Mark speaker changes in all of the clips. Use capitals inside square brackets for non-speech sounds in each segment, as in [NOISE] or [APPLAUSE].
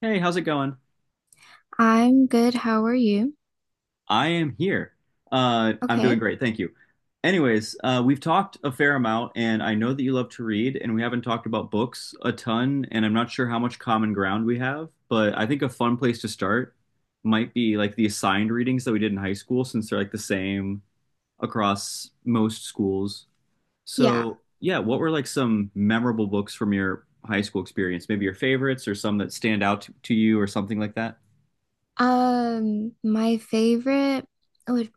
Speaker 1: Hey, how's it going?
Speaker 2: I'm good. How are you?
Speaker 1: I am here. I'm doing
Speaker 2: Okay.
Speaker 1: great, thank you. Anyways, we've talked a fair amount, and I know that you love to read, and we haven't talked about books a ton, and I'm not sure how much common ground we have, but I think a fun place to start might be like the assigned readings that we did in high school, since they're like the same across most schools.
Speaker 2: Yeah.
Speaker 1: So, yeah, what were like some memorable books from your high school experience? Maybe your favorites or some that stand out to you or something like that?
Speaker 2: My favorite would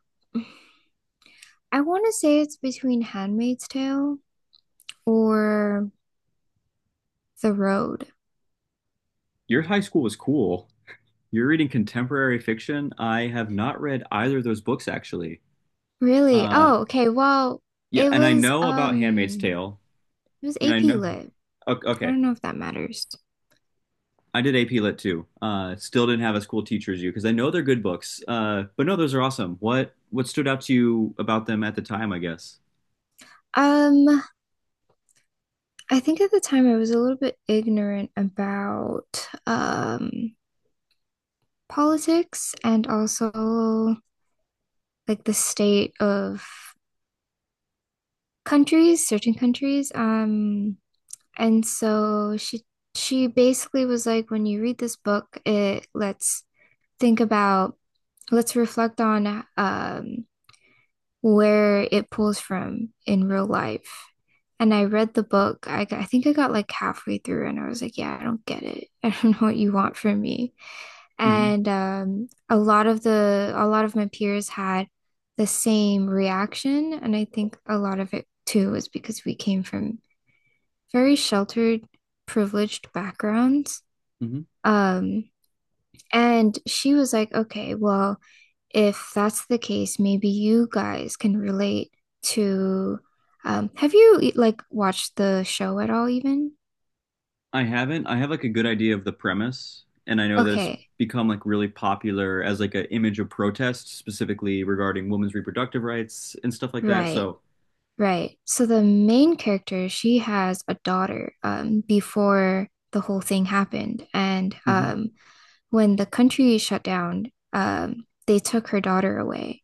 Speaker 2: I want to say it's between Handmaid's Tale or The Road.
Speaker 1: Your high school was cool. You're reading contemporary fiction. I have not read either of those books actually.
Speaker 2: Really?
Speaker 1: Uh,
Speaker 2: Oh, okay. Well,
Speaker 1: yeah,
Speaker 2: it
Speaker 1: and I
Speaker 2: was
Speaker 1: know about Handmaid's
Speaker 2: um
Speaker 1: Tale,
Speaker 2: it was
Speaker 1: and I
Speaker 2: AP
Speaker 1: know.
Speaker 2: Lit. I
Speaker 1: Okay,
Speaker 2: don't know if that matters.
Speaker 1: I did AP Lit too. Still didn't have as cool teacher as you because I know they're good books. But no, those are awesome. What stood out to you about them at the time, I guess?
Speaker 2: Um, I think at the time I was a little bit ignorant about politics and also like the state of countries, certain countries. And she basically was like, when you read this book, it let's think about, let's reflect on where it pulls from in real life. And I read the book. I think I got like halfway through and I was like, yeah, I don't get it. [LAUGHS] I don't know what you want from me.
Speaker 1: Hmm
Speaker 2: And a lot of my peers had the same reaction. And I think a lot of it too was because we came from very sheltered, privileged backgrounds.
Speaker 1: hmm
Speaker 2: Um, and she was like, okay, well, if that's the case, maybe you guys can relate to. Have you like watched the show at all, even?
Speaker 1: I haven't. I have like a good idea of the premise, and I know that it's
Speaker 2: Okay,
Speaker 1: become like really popular as like an image of protest, specifically regarding women's reproductive rights and stuff like that.
Speaker 2: right,
Speaker 1: So
Speaker 2: right. So the main character, she has a daughter before the whole thing happened, and
Speaker 1: hmm
Speaker 2: when the country shut down, they took her daughter away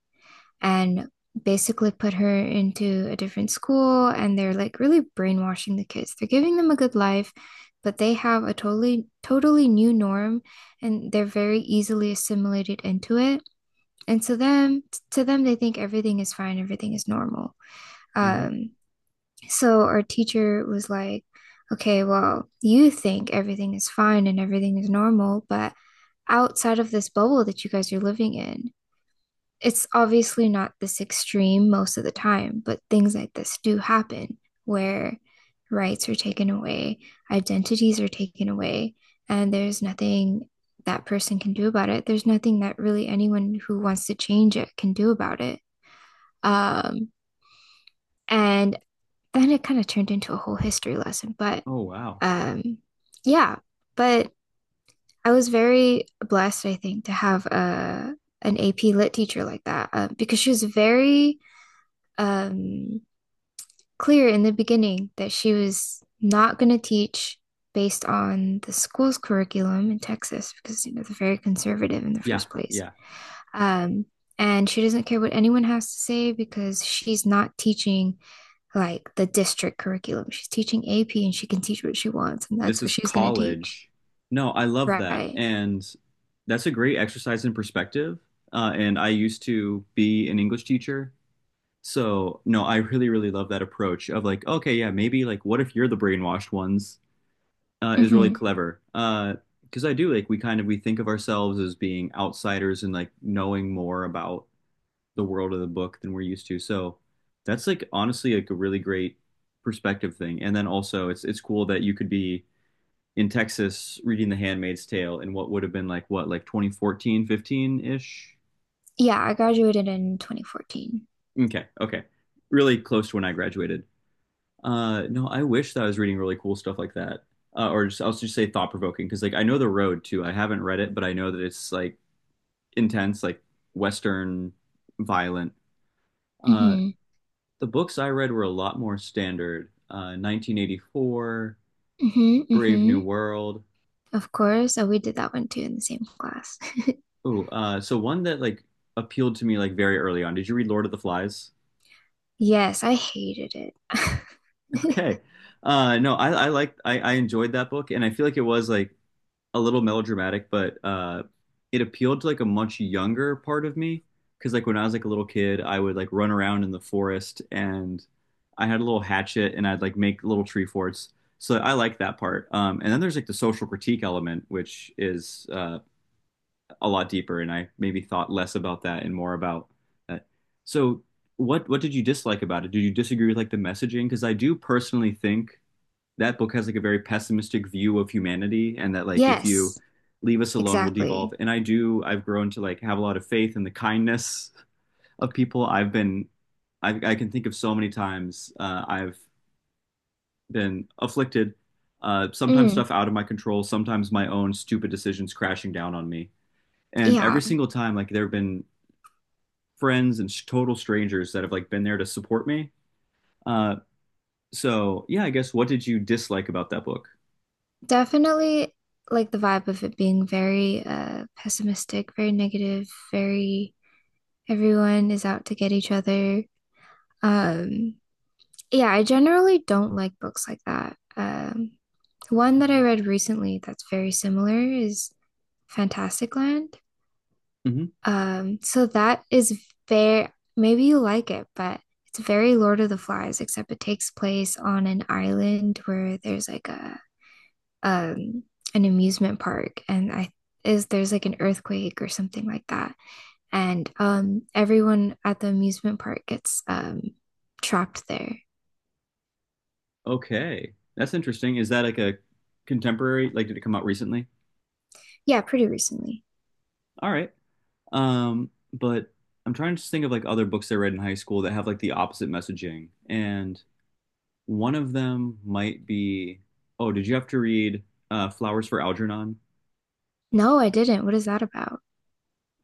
Speaker 2: and basically put her into a different school. And they're like really brainwashing the kids. They're giving them a good life, but they have a totally, totally new norm and they're very easily assimilated into it. And so them to them they think everything is fine, everything is normal.
Speaker 1: hmm
Speaker 2: Um, so our teacher was like, okay, well, you think everything is fine and everything is normal, but outside of this bubble that you guys are living in, it's obviously not this extreme most of the time, but things like this do happen where rights are taken away, identities are taken away, and there's nothing that person can do about it. There's nothing that really anyone who wants to change it can do about it. Um, and then it kind of turned into a whole history lesson. But
Speaker 1: oh wow.
Speaker 2: um, yeah, but I was very blessed, I think, to have a an AP Lit teacher like that because she was very um, clear in the beginning that she was not going to teach based on the school's curriculum in Texas because you know they're very conservative in the
Speaker 1: Yeah,
Speaker 2: first place.
Speaker 1: yeah.
Speaker 2: Um, and she doesn't care what anyone has to say because she's not teaching like the district curriculum. She's teaching AP and she can teach what she wants, and
Speaker 1: This
Speaker 2: that's what
Speaker 1: is
Speaker 2: she's going to teach.
Speaker 1: college. No, I love that.
Speaker 2: Right.
Speaker 1: And that's a great exercise in perspective. And I used to be an English teacher. So, no, I really, really love that approach of like, okay, yeah, maybe like what if you're the brainwashed ones is really
Speaker 2: Mm-hmm.
Speaker 1: clever. Because I do like we think of ourselves as being outsiders and like knowing more about the world of the book than we're used to. So that's like honestly like a really great perspective thing. And then also it's cool that you could be in Texas reading The Handmaid's Tale in what would have been like what like 2014, 15-ish.
Speaker 2: Yeah, I graduated in 2014.
Speaker 1: Okay, okay. Really close to when I graduated. No, I wish that I was reading really cool stuff like that. Or just I'll just say thought provoking because like I know The Road too. I haven't read it, but I know that it's like intense, like Western violent. Uh,
Speaker 2: Mm-hmm.
Speaker 1: the books I read were a lot more standard. 1984,
Speaker 2: Mm-hmm.
Speaker 1: Brave
Speaker 2: Mm-hmm.
Speaker 1: New World.
Speaker 2: Of course. So we did that one too in the same class.
Speaker 1: Ooh, so one that like appealed to me like very early on. Did you read Lord of the Flies? [LAUGHS]
Speaker 2: Yes, I hated it. [LAUGHS]
Speaker 1: Okay. No, I enjoyed that book, and I feel like it was like a little melodramatic, but it appealed to like a much younger part of me because like when I was like a little kid, I would like run around in the forest and I had a little hatchet and I'd like make little tree forts. So I like that part. And then there's like the social critique element, which is a lot deeper, and I maybe thought less about that and more about that. So what did you dislike about it? Did you disagree with like the messaging? Because I do personally think that book has like a very pessimistic view of humanity and that like if you
Speaker 2: Yes,
Speaker 1: leave us alone we'll devolve
Speaker 2: exactly.
Speaker 1: and I've grown to like have a lot of faith in the kindness of people I can think of so many times I've been afflicted, sometimes
Speaker 2: Mm,
Speaker 1: stuff out of my control, sometimes my own stupid decisions crashing down on me, and
Speaker 2: yeah,
Speaker 1: every single time like there have been friends and total strangers that have like been there to support me. uh, so yeah, I guess what did you dislike about that book?
Speaker 2: definitely like the vibe of it being very pessimistic, very negative, very everyone is out to get each other. Um, yeah, I generally don't like books like that. One that I
Speaker 1: Mhm.
Speaker 2: read recently that's very similar is Fantastic Land.
Speaker 1: hmm
Speaker 2: So that is very, maybe you like it, but it's very Lord of the Flies, except it takes place on an island where there's like a um an amusement park and I is there's like an earthquake or something like that. And everyone at the amusement park gets trapped there.
Speaker 1: Okay. That's interesting. Is that like a contemporary? Like, did it come out recently?
Speaker 2: Yeah, pretty recently.
Speaker 1: All right. But I'm trying to just think of like other books I read in high school that have like the opposite messaging. And one of them might be, oh, did you have to read Flowers for Algernon?
Speaker 2: No, I didn't. What is that about?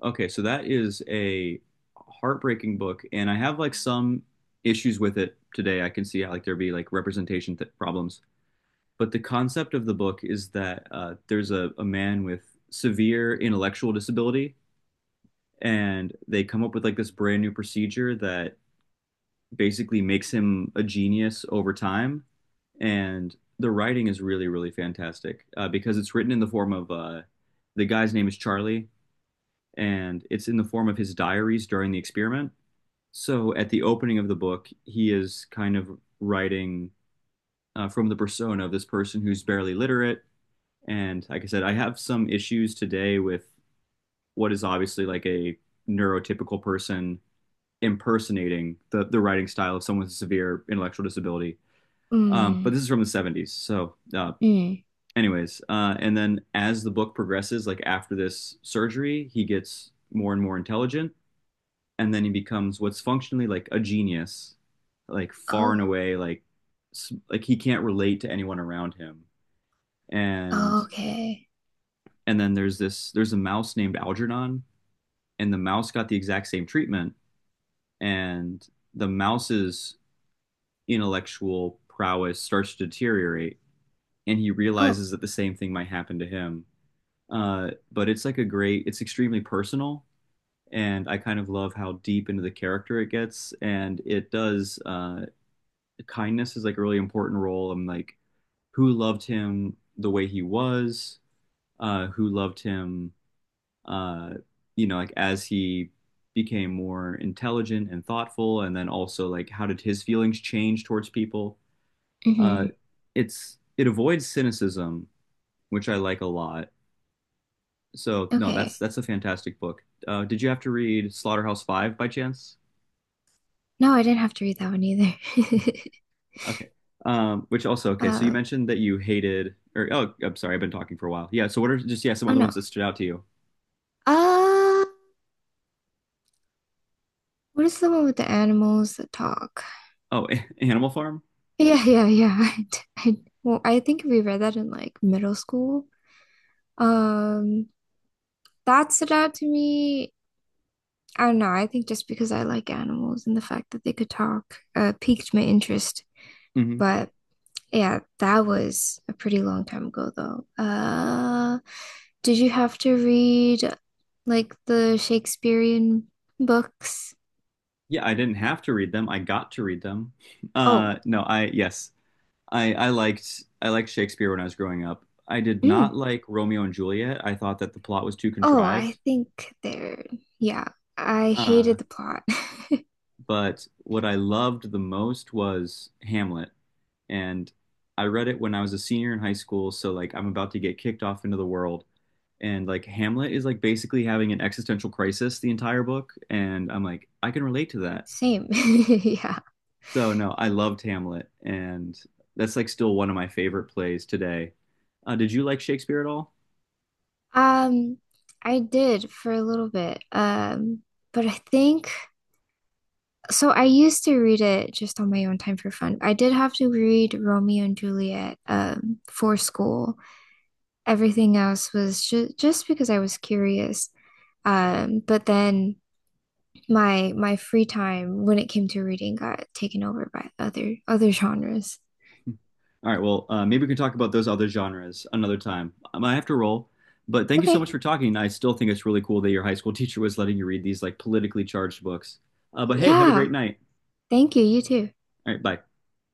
Speaker 1: Okay, so that is a heartbreaking book, and I have like some issues with it today. I can see how like there be like representation th problems. But the concept of the book is that there's a man with severe intellectual disability, and they come up with like this brand new procedure that basically makes him a genius over time. And the writing is really, really fantastic because it's written in the form of the guy's name is Charlie, and it's in the form of his diaries during the experiment. So at the opening of the book, he is kind of writing from the persona of this person who's barely literate. And like I said, I have some issues today with what is obviously like a neurotypical person impersonating the writing style of someone with a severe intellectual disability.
Speaker 2: Mm,
Speaker 1: But this is from the 70s. So,
Speaker 2: mm.
Speaker 1: anyways, and then as the book progresses, like after this surgery, he gets more and more intelligent. And then he becomes what's functionally like a genius, like far and
Speaker 2: Oh,
Speaker 1: away, like he can't relate to anyone around him. And
Speaker 2: okay.
Speaker 1: then there's a mouse named Algernon, and the mouse got the exact same treatment, and the mouse's intellectual prowess starts to deteriorate, and he
Speaker 2: Oh,
Speaker 1: realizes that the same thing might happen to him. But it's like a great, it's extremely personal, and I kind of love how deep into the character it gets. And it does, kindness is like a really important role. I'm like, who loved him the way he was, who loved him, uh, like as he became more intelligent and thoughtful, and then also like how did his feelings change towards people? Uh,
Speaker 2: mm-hmm.
Speaker 1: it's, it avoids cynicism, which I like a lot. So no, that's
Speaker 2: Okay.
Speaker 1: that's a fantastic book. Did you have to read Slaughterhouse Five by chance?
Speaker 2: No, I didn't have to read that one either. [LAUGHS]
Speaker 1: Okay. Which also okay. So you
Speaker 2: Uh,
Speaker 1: mentioned that you hated, or oh, I'm sorry, I've been talking for a while. Yeah. So what are just yeah some
Speaker 2: oh
Speaker 1: other
Speaker 2: no.
Speaker 1: ones that stood out to you?
Speaker 2: Uh, what is the one with the animals that talk?
Speaker 1: Oh, [LAUGHS] Animal Farm.
Speaker 2: Yeah, yeah, yeah. [LAUGHS] Well, I think we read that in like middle school. Um, that stood out to me. I don't know. I think just because I like animals and the fact that they could talk, piqued my interest.
Speaker 1: Hmm
Speaker 2: But yeah, that was a pretty long time ago though. Did you have to read like the Shakespearean books?
Speaker 1: Yeah, I didn't have to read them. I got to read them.
Speaker 2: Oh,
Speaker 1: No, I yes, I liked Shakespeare when I was growing up. I did
Speaker 2: mm.
Speaker 1: not like Romeo and Juliet. I thought that the plot was too
Speaker 2: Oh, I
Speaker 1: contrived.
Speaker 2: think they're, yeah, I
Speaker 1: Uh,
Speaker 2: hated the plot. [LAUGHS]
Speaker 1: but what I loved the most was Hamlet, and I read it when I was a senior in high school. So like I'm about to get kicked off into the world, and like Hamlet is like basically having an existential crisis the entire book, and I'm like I can relate to that.
Speaker 2: Same. [LAUGHS] Yeah.
Speaker 1: So no, I loved Hamlet, and that's like still one of my favorite plays today. Did you like Shakespeare at all?
Speaker 2: Um, I did for a little bit. But I think I used to read it just on my own time for fun. I did have to read Romeo and Juliet for school. Everything else was just because I was curious. But then my free time when it came to reading got taken over by other genres.
Speaker 1: All right, well, maybe we can talk about those other genres another time. I have to roll, but thank you so
Speaker 2: Okay.
Speaker 1: much for talking. I still think it's really cool that your high school [LAUGHS] teacher was letting you read these like politically charged books. But hey, have a
Speaker 2: Yeah.
Speaker 1: great night.
Speaker 2: Thank you. You too.
Speaker 1: All right, bye.